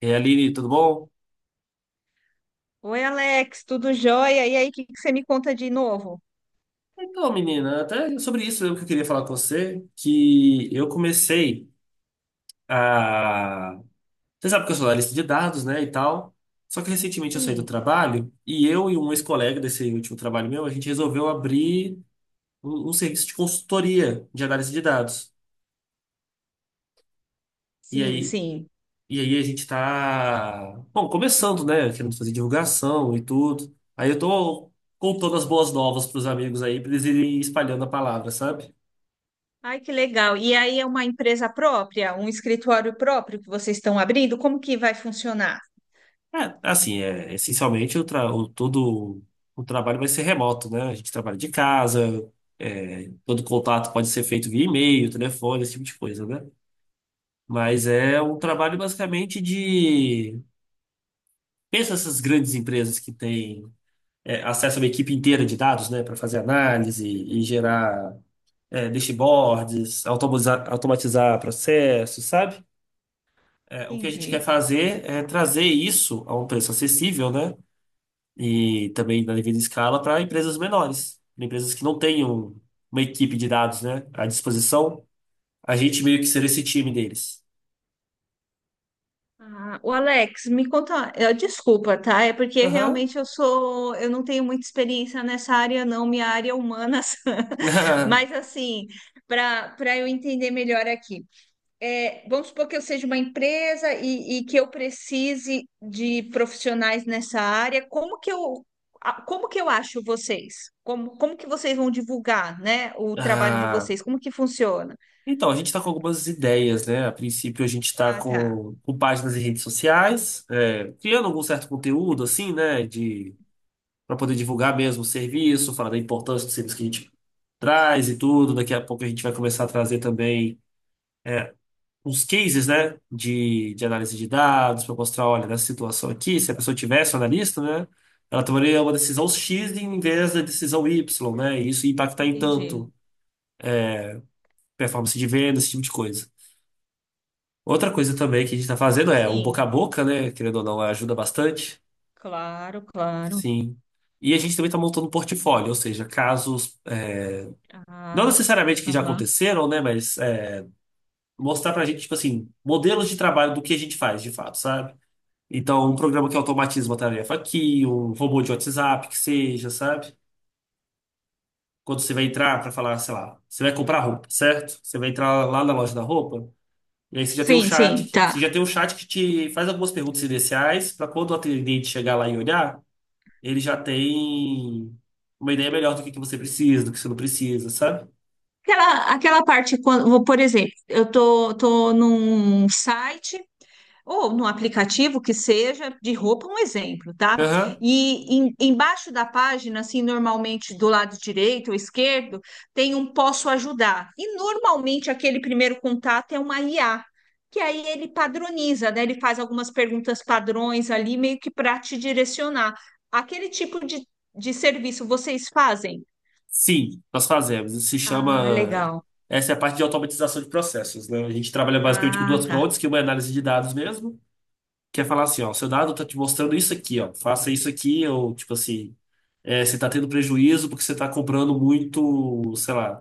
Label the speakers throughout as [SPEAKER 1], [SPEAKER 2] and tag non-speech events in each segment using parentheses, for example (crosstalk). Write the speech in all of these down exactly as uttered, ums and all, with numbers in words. [SPEAKER 1] E aí, Aline, tudo bom?
[SPEAKER 2] Oi, Alex, tudo jóia? E aí, o que que você me conta de novo?
[SPEAKER 1] Então, menina, até sobre isso mesmo que eu queria falar com você, que eu comecei a... Você sabe que eu sou analista de dados, né, e tal. Só que recentemente eu saí do
[SPEAKER 2] Sim,
[SPEAKER 1] trabalho e eu e um ex-colega desse último trabalho meu, a gente resolveu abrir um, um serviço de consultoria de análise de dados. E
[SPEAKER 2] sim,
[SPEAKER 1] aí,
[SPEAKER 2] sim.
[SPEAKER 1] e aí a gente tá, bom, começando, né, querendo fazer divulgação e tudo. Aí eu tô contando as boas novas pros amigos aí, pra eles irem espalhando a palavra, sabe?
[SPEAKER 2] Ai, que legal. E aí é uma empresa própria, um escritório próprio que vocês estão abrindo? Como que vai funcionar?
[SPEAKER 1] É, assim, é, essencialmente o, tra- o- todo o trabalho vai ser remoto, né? A gente trabalha de casa, é, todo contato pode ser feito via e-mail, telefone, esse tipo de coisa, né? Mas é um
[SPEAKER 2] Ah,
[SPEAKER 1] trabalho basicamente de... Pensa essas grandes empresas que têm é, acesso a uma equipe inteira de dados, né? Para fazer análise e gerar é, dashboards, automatizar, automatizar processos, sabe? É, o que a gente quer
[SPEAKER 2] entendi.
[SPEAKER 1] fazer é trazer isso a um preço acessível, né? E também na devida escala para empresas menores, pra empresas que não tenham uma equipe de dados, né, à disposição, a gente meio que ser esse time deles.
[SPEAKER 2] Ah, o Alex, me conta, eh, desculpa, tá? É porque
[SPEAKER 1] Aham.
[SPEAKER 2] realmente eu sou, eu não tenho muita experiência nessa área, não, minha área é humanas. (laughs)
[SPEAKER 1] (laughs)
[SPEAKER 2] Mas assim, para para eu entender melhor aqui, é, vamos supor que eu seja uma empresa e, e que eu precise de profissionais nessa área, como que eu, a- como que eu acho vocês? Como, como que vocês vão divulgar, né, o trabalho de
[SPEAKER 1] Ah,
[SPEAKER 2] vocês? Como que funciona?
[SPEAKER 1] então, a gente está com algumas ideias, né? A princípio, a gente está
[SPEAKER 2] Ah, tá.
[SPEAKER 1] com, com páginas em redes sociais, é, criando algum certo conteúdo, assim, né? De, para poder divulgar mesmo o serviço, falar da importância do serviço que a gente traz e tudo. Daqui a pouco a gente vai começar a trazer também uns cases, né, de, de análise de dados para mostrar, olha, nessa situação aqui, se a pessoa tivesse um analista, né, ela tomaria uma decisão xis em vez da decisão ípsilon, né, e isso ia impactar em tanto performance de venda, esse tipo de coisa. Outra coisa também que a gente está fazendo é o boca a
[SPEAKER 2] Sim,
[SPEAKER 1] boca, né, querendo ou não, é, ajuda bastante,
[SPEAKER 2] claro, claro.
[SPEAKER 1] sim. E a gente também está montando um portfólio, ou seja, casos, é, não
[SPEAKER 2] Ah,
[SPEAKER 1] necessariamente que já aconteceram, né, mas é, mostrar para a gente, tipo assim, modelos de trabalho do que a gente faz de fato, sabe? Então, um programa que automatiza uma tarefa aqui, um robô de WhatsApp, que seja, sabe? Quando você vai entrar para falar, sei lá, você vai comprar roupa, certo? Você vai entrar lá na loja da roupa, e aí você já tem um
[SPEAKER 2] sim,
[SPEAKER 1] chat.
[SPEAKER 2] sim,
[SPEAKER 1] que-
[SPEAKER 2] tá.
[SPEAKER 1] Você já tem um chat que te faz algumas perguntas iniciais, para quando o atendente chegar lá e olhar, ele já tem uma ideia melhor do que que você precisa, do que você não precisa, sabe?
[SPEAKER 2] Aquela, aquela parte, quando, por exemplo, eu tô, tô num site ou no aplicativo que seja, de roupa, um exemplo, tá?
[SPEAKER 1] Aham.
[SPEAKER 2] E em- embaixo da página, assim, normalmente do lado direito ou esquerdo, tem um posso ajudar. E normalmente aquele primeiro contato é uma I A, que aí ele padroniza, né? Ele faz algumas perguntas padrões ali, meio que para te direcionar. Aquele tipo de, de serviço vocês fazem?
[SPEAKER 1] Sim, nós fazemos. Isso se
[SPEAKER 2] Ah,
[SPEAKER 1] chama.
[SPEAKER 2] legal.
[SPEAKER 1] Essa é a parte de automatização de processos, né? A gente trabalha basicamente com
[SPEAKER 2] Ah,
[SPEAKER 1] duas
[SPEAKER 2] tá.
[SPEAKER 1] frontes, que uma é análise de dados mesmo, que é falar assim, ó, seu dado tá te mostrando isso aqui, ó, faça isso aqui, ou tipo assim, é, você tá tendo prejuízo porque você tá comprando muito, sei lá,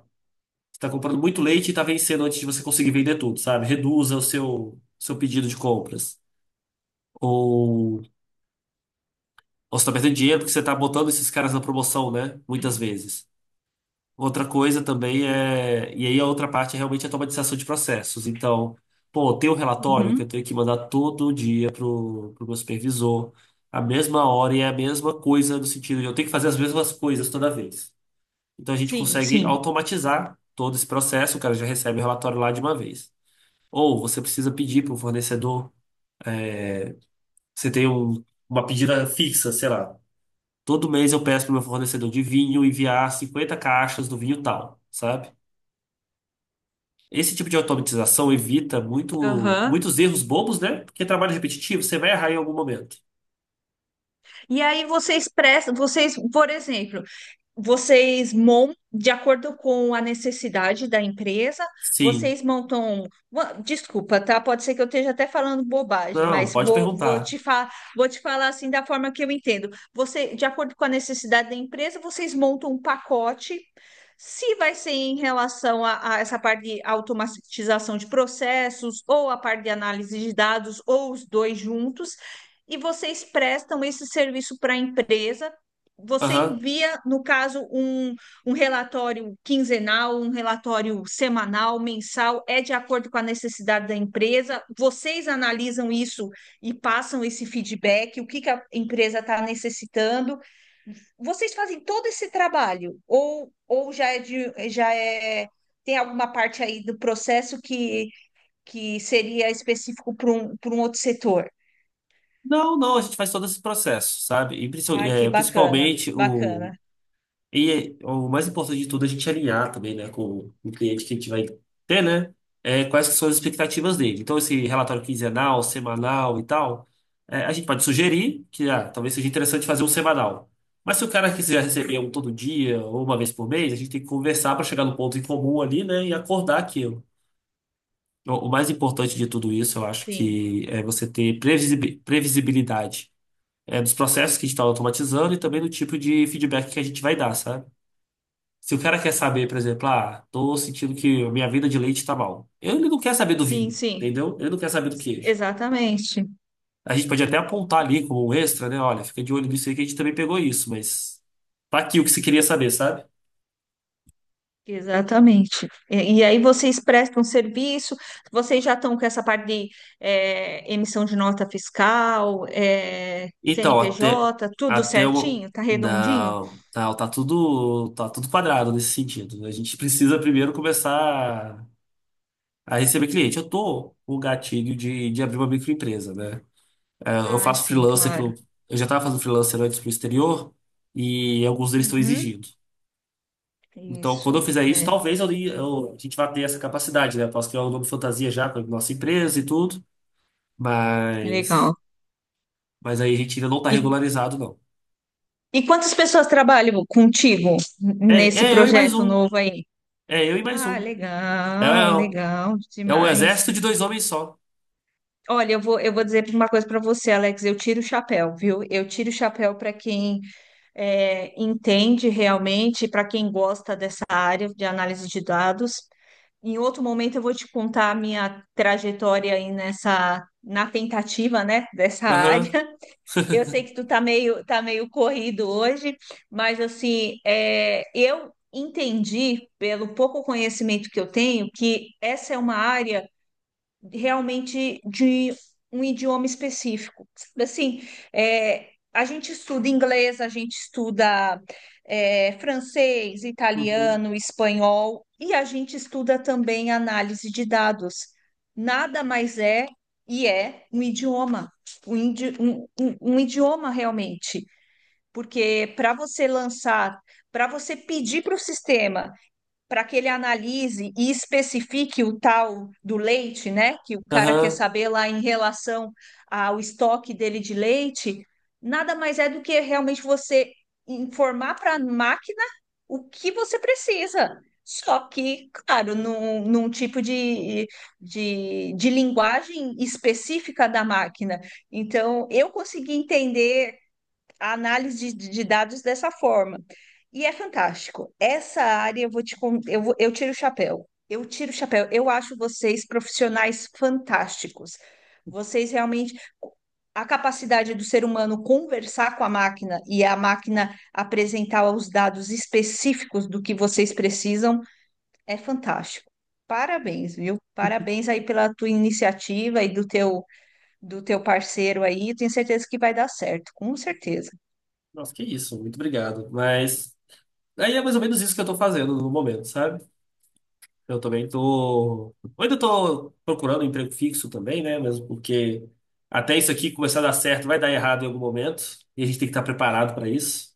[SPEAKER 1] você tá comprando muito leite e tá vencendo antes de você conseguir vender tudo, sabe? Reduza o seu, seu pedido de compras. Ou, ou você tá perdendo dinheiro porque você tá botando esses caras na promoção, né? Muitas vezes. Outra coisa também é. E aí a outra parte realmente é realmente a automatização de processos. Então, pô, tem um relatório que eu
[SPEAKER 2] Uhum.
[SPEAKER 1] tenho que mandar todo dia pro, pro meu supervisor, a mesma hora e é a mesma coisa, no sentido de eu tenho que fazer as mesmas coisas toda vez. Então a gente
[SPEAKER 2] Sim,
[SPEAKER 1] consegue
[SPEAKER 2] sim.
[SPEAKER 1] automatizar todo esse processo, o cara já recebe o relatório lá de uma vez. Ou você precisa pedir para o fornecedor, você tem um- uma pedida fixa, sei lá. Todo mês eu peço para o meu fornecedor de vinho enviar cinquenta caixas do vinho tal, sabe? Esse tipo de automatização evita muito,
[SPEAKER 2] Aham.
[SPEAKER 1] muitos erros bobos, né? Porque trabalho repetitivo, você vai errar em algum momento.
[SPEAKER 2] E aí vocês prestam, vocês, por exemplo, Vocês montam de acordo com a necessidade da empresa,
[SPEAKER 1] Sim.
[SPEAKER 2] vocês montam. Wa- Desculpa, tá? Pode ser que eu esteja até falando bobagem,
[SPEAKER 1] Não,
[SPEAKER 2] mas
[SPEAKER 1] pode
[SPEAKER 2] vou, vou
[SPEAKER 1] perguntar.
[SPEAKER 2] te fa... vou te falar assim da forma que eu entendo. Você, de acordo com a necessidade da empresa, vocês montam um pacote. Se vai ser em relação a, a essa parte de automatização de processos, ou a parte de análise de dados, ou os dois juntos, e vocês prestam esse serviço para a empresa. Você
[SPEAKER 1] Aham.
[SPEAKER 2] envia, no caso, um, um relatório quinzenal, um relatório semanal, mensal, é de acordo com a necessidade da empresa. Vocês analisam isso e passam esse feedback, o que que a empresa está necessitando. Vocês fazem todo esse trabalho, ou, ou já é de, já é, tem alguma parte aí do processo que, que seria específico para um, para um outro setor?
[SPEAKER 1] Não, não, a gente faz todo esse processo, sabe? E princi-
[SPEAKER 2] Ai, que
[SPEAKER 1] é,
[SPEAKER 2] bacana,
[SPEAKER 1] principalmente
[SPEAKER 2] bacana.
[SPEAKER 1] o, e o mais importante de tudo é a gente alinhar também, né, com o cliente que a gente vai ter, né? É, quais que são as expectativas dele. Então, esse relatório quinzenal, semanal e tal, é, a gente pode sugerir que ah, talvez seja interessante fazer um semanal. Mas se o cara quiser receber um todo dia ou uma vez por mês, a gente tem que conversar para chegar no ponto em comum ali, né, e acordar aquilo. O o mais importante de tudo isso, eu acho
[SPEAKER 2] Sim,
[SPEAKER 1] que é você ter previsibi- previsibilidade, é, dos processos que a gente está automatizando e também do tipo de feedback que a gente vai dar, sabe? Se o cara quer saber, por exemplo, ah, tô sentindo que a minha vida de leite tá mal. Ele não quer saber do
[SPEAKER 2] sim,
[SPEAKER 1] vinho,
[SPEAKER 2] sim.
[SPEAKER 1] entendeu? Ele não quer saber do queijo.
[SPEAKER 2] Exatamente,
[SPEAKER 1] A gente pode até apontar ali como um extra, né? Olha, fica de olho nisso aí que a gente também pegou isso, mas tá aqui o que você queria saber, sabe?
[SPEAKER 2] exatamente. E, e aí vocês prestam serviço, vocês já estão com essa parte de é, emissão de nota fiscal, é,
[SPEAKER 1] Então, até
[SPEAKER 2] C N P J, tudo
[SPEAKER 1] até o
[SPEAKER 2] certinho? Tá redondinho?
[SPEAKER 1] não, não, tá tudo tá tudo quadrado nesse sentido, né? A gente precisa primeiro começar a receber cliente. Eu tô com o gatilho de, de abrir uma microempresa, né? É, eu
[SPEAKER 2] Ai,
[SPEAKER 1] faço
[SPEAKER 2] sim,
[SPEAKER 1] freelancer
[SPEAKER 2] claro.
[SPEAKER 1] pro, eu já estava fazendo freelancer antes pro exterior e alguns deles estão
[SPEAKER 2] Uhum,
[SPEAKER 1] exigindo. Então, quando eu
[SPEAKER 2] isso,
[SPEAKER 1] fizer isso,
[SPEAKER 2] é,
[SPEAKER 1] talvez eu, eu- a gente vá ter essa capacidade, né? Eu posso criar um nome fantasia já com a nossa empresa e tudo, mas,
[SPEAKER 2] legal.
[SPEAKER 1] mas aí a gente ainda não está
[SPEAKER 2] E,
[SPEAKER 1] regularizado, não.
[SPEAKER 2] e quantas pessoas trabalham contigo
[SPEAKER 1] É,
[SPEAKER 2] nesse
[SPEAKER 1] é eu e mais
[SPEAKER 2] projeto
[SPEAKER 1] um.
[SPEAKER 2] novo aí?
[SPEAKER 1] É eu e mais
[SPEAKER 2] Ah,
[SPEAKER 1] um. É,
[SPEAKER 2] legal,
[SPEAKER 1] é o
[SPEAKER 2] legal
[SPEAKER 1] é o
[SPEAKER 2] demais.
[SPEAKER 1] exército de dois homens só.
[SPEAKER 2] Olha, eu vou, eu vou dizer uma coisa para você, Alex. Eu tiro o chapéu, viu? Eu tiro o chapéu para quem é, entende realmente, para quem gosta dessa área de análise de dados. Em outro momento eu vou te contar a minha trajetória aí nessa, na tentativa, né, dessa área.
[SPEAKER 1] Aham.
[SPEAKER 2] (laughs) Eu sei que tu tá meio, tá meio corrido hoje, mas assim, é, eu entendi, pelo pouco conhecimento que eu tenho, que essa é uma área realmente de um idioma específico. Sabe? Assim, é, a gente estuda inglês, a gente estuda é, francês,
[SPEAKER 1] Uhum.
[SPEAKER 2] italiano, espanhol e a gente estuda também análise de dados. Nada mais é e é um idioma, um, idi- um- um- um idioma realmente, porque para você lançar, para você pedir para o sistema para que ele analise e especifique o tal do leite, né? Que o cara quer
[SPEAKER 1] Aham.
[SPEAKER 2] saber lá em relação ao estoque dele de leite, nada mais é do que realmente você informar para a máquina o que você precisa. Só que, claro, num, num tipo de, de, de linguagem específica da máquina. Então, eu consegui entender a análise de, de dados dessa forma. E é fantástico. Essa área eu vou te con- eu, vou- eu tiro o chapéu. Eu tiro o chapéu. Eu acho vocês profissionais fantásticos. Vocês realmente a capacidade do ser humano conversar com a máquina e a máquina apresentar os dados específicos do que vocês precisam é fantástico. Parabéns, viu? Parabéns aí pela tua iniciativa e do teu do teu parceiro aí. Tenho certeza que vai dar certo, com certeza.
[SPEAKER 1] Nossa, que isso. Muito obrigado. Mas aí é mais ou menos isso que eu estou fazendo no momento, sabe? Eu também tô. Eu ainda tô procurando um emprego fixo também, né? Mesmo porque até isso aqui começar a dar certo, vai dar errado em algum momento. E a gente tem que estar preparado para isso.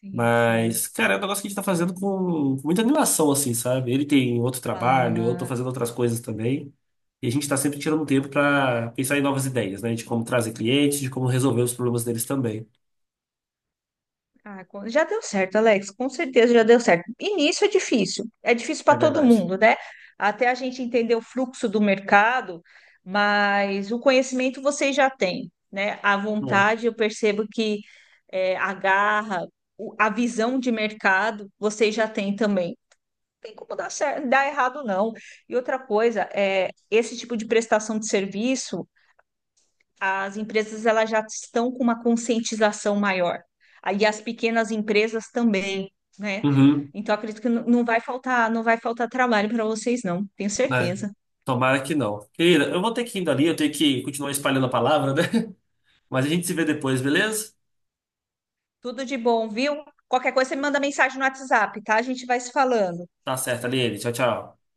[SPEAKER 2] Sim, sim,
[SPEAKER 1] Mas, cara, é um negócio que a gente tá fazendo com, com muita animação, assim, sabe? Ele tem outro trabalho, eu tô
[SPEAKER 2] claro.
[SPEAKER 1] fazendo outras coisas também. E a gente tá sempre tirando um tempo para pensar em novas ideias, né? De como trazer clientes, de como resolver os problemas deles também.
[SPEAKER 2] Ah, co- já deu certo, Alex, com certeza já deu certo. Início é difícil, é difícil para
[SPEAKER 1] É
[SPEAKER 2] todo
[SPEAKER 1] verdade.
[SPEAKER 2] mundo, né? Até a gente entender o fluxo do mercado, mas o conhecimento vocês já têm, né? A
[SPEAKER 1] É.
[SPEAKER 2] vontade, eu percebo que é, a garra, o- a visão de mercado, vocês já têm também. Não tem como dar certo, dar errado, não. E outra coisa, é, esse tipo de prestação de serviço, as empresas, elas já estão com uma conscientização maior. Aí as pequenas empresas também, né?
[SPEAKER 1] Uhum,
[SPEAKER 2] Então acredito que n- não vai faltar, não vai faltar trabalho para vocês, não, tenho
[SPEAKER 1] né?
[SPEAKER 2] certeza.
[SPEAKER 1] Tomara que não. Querida, eu vou ter que ir indo ali, eu tenho que continuar espalhando a palavra, né? Mas a gente se vê depois, beleza?
[SPEAKER 2] Tudo de bom, viu? Qualquer coisa você me manda mensagem no WhatsApp, tá? A gente vai se falando.
[SPEAKER 1] Tá certo, Aline. Tchau, tchau.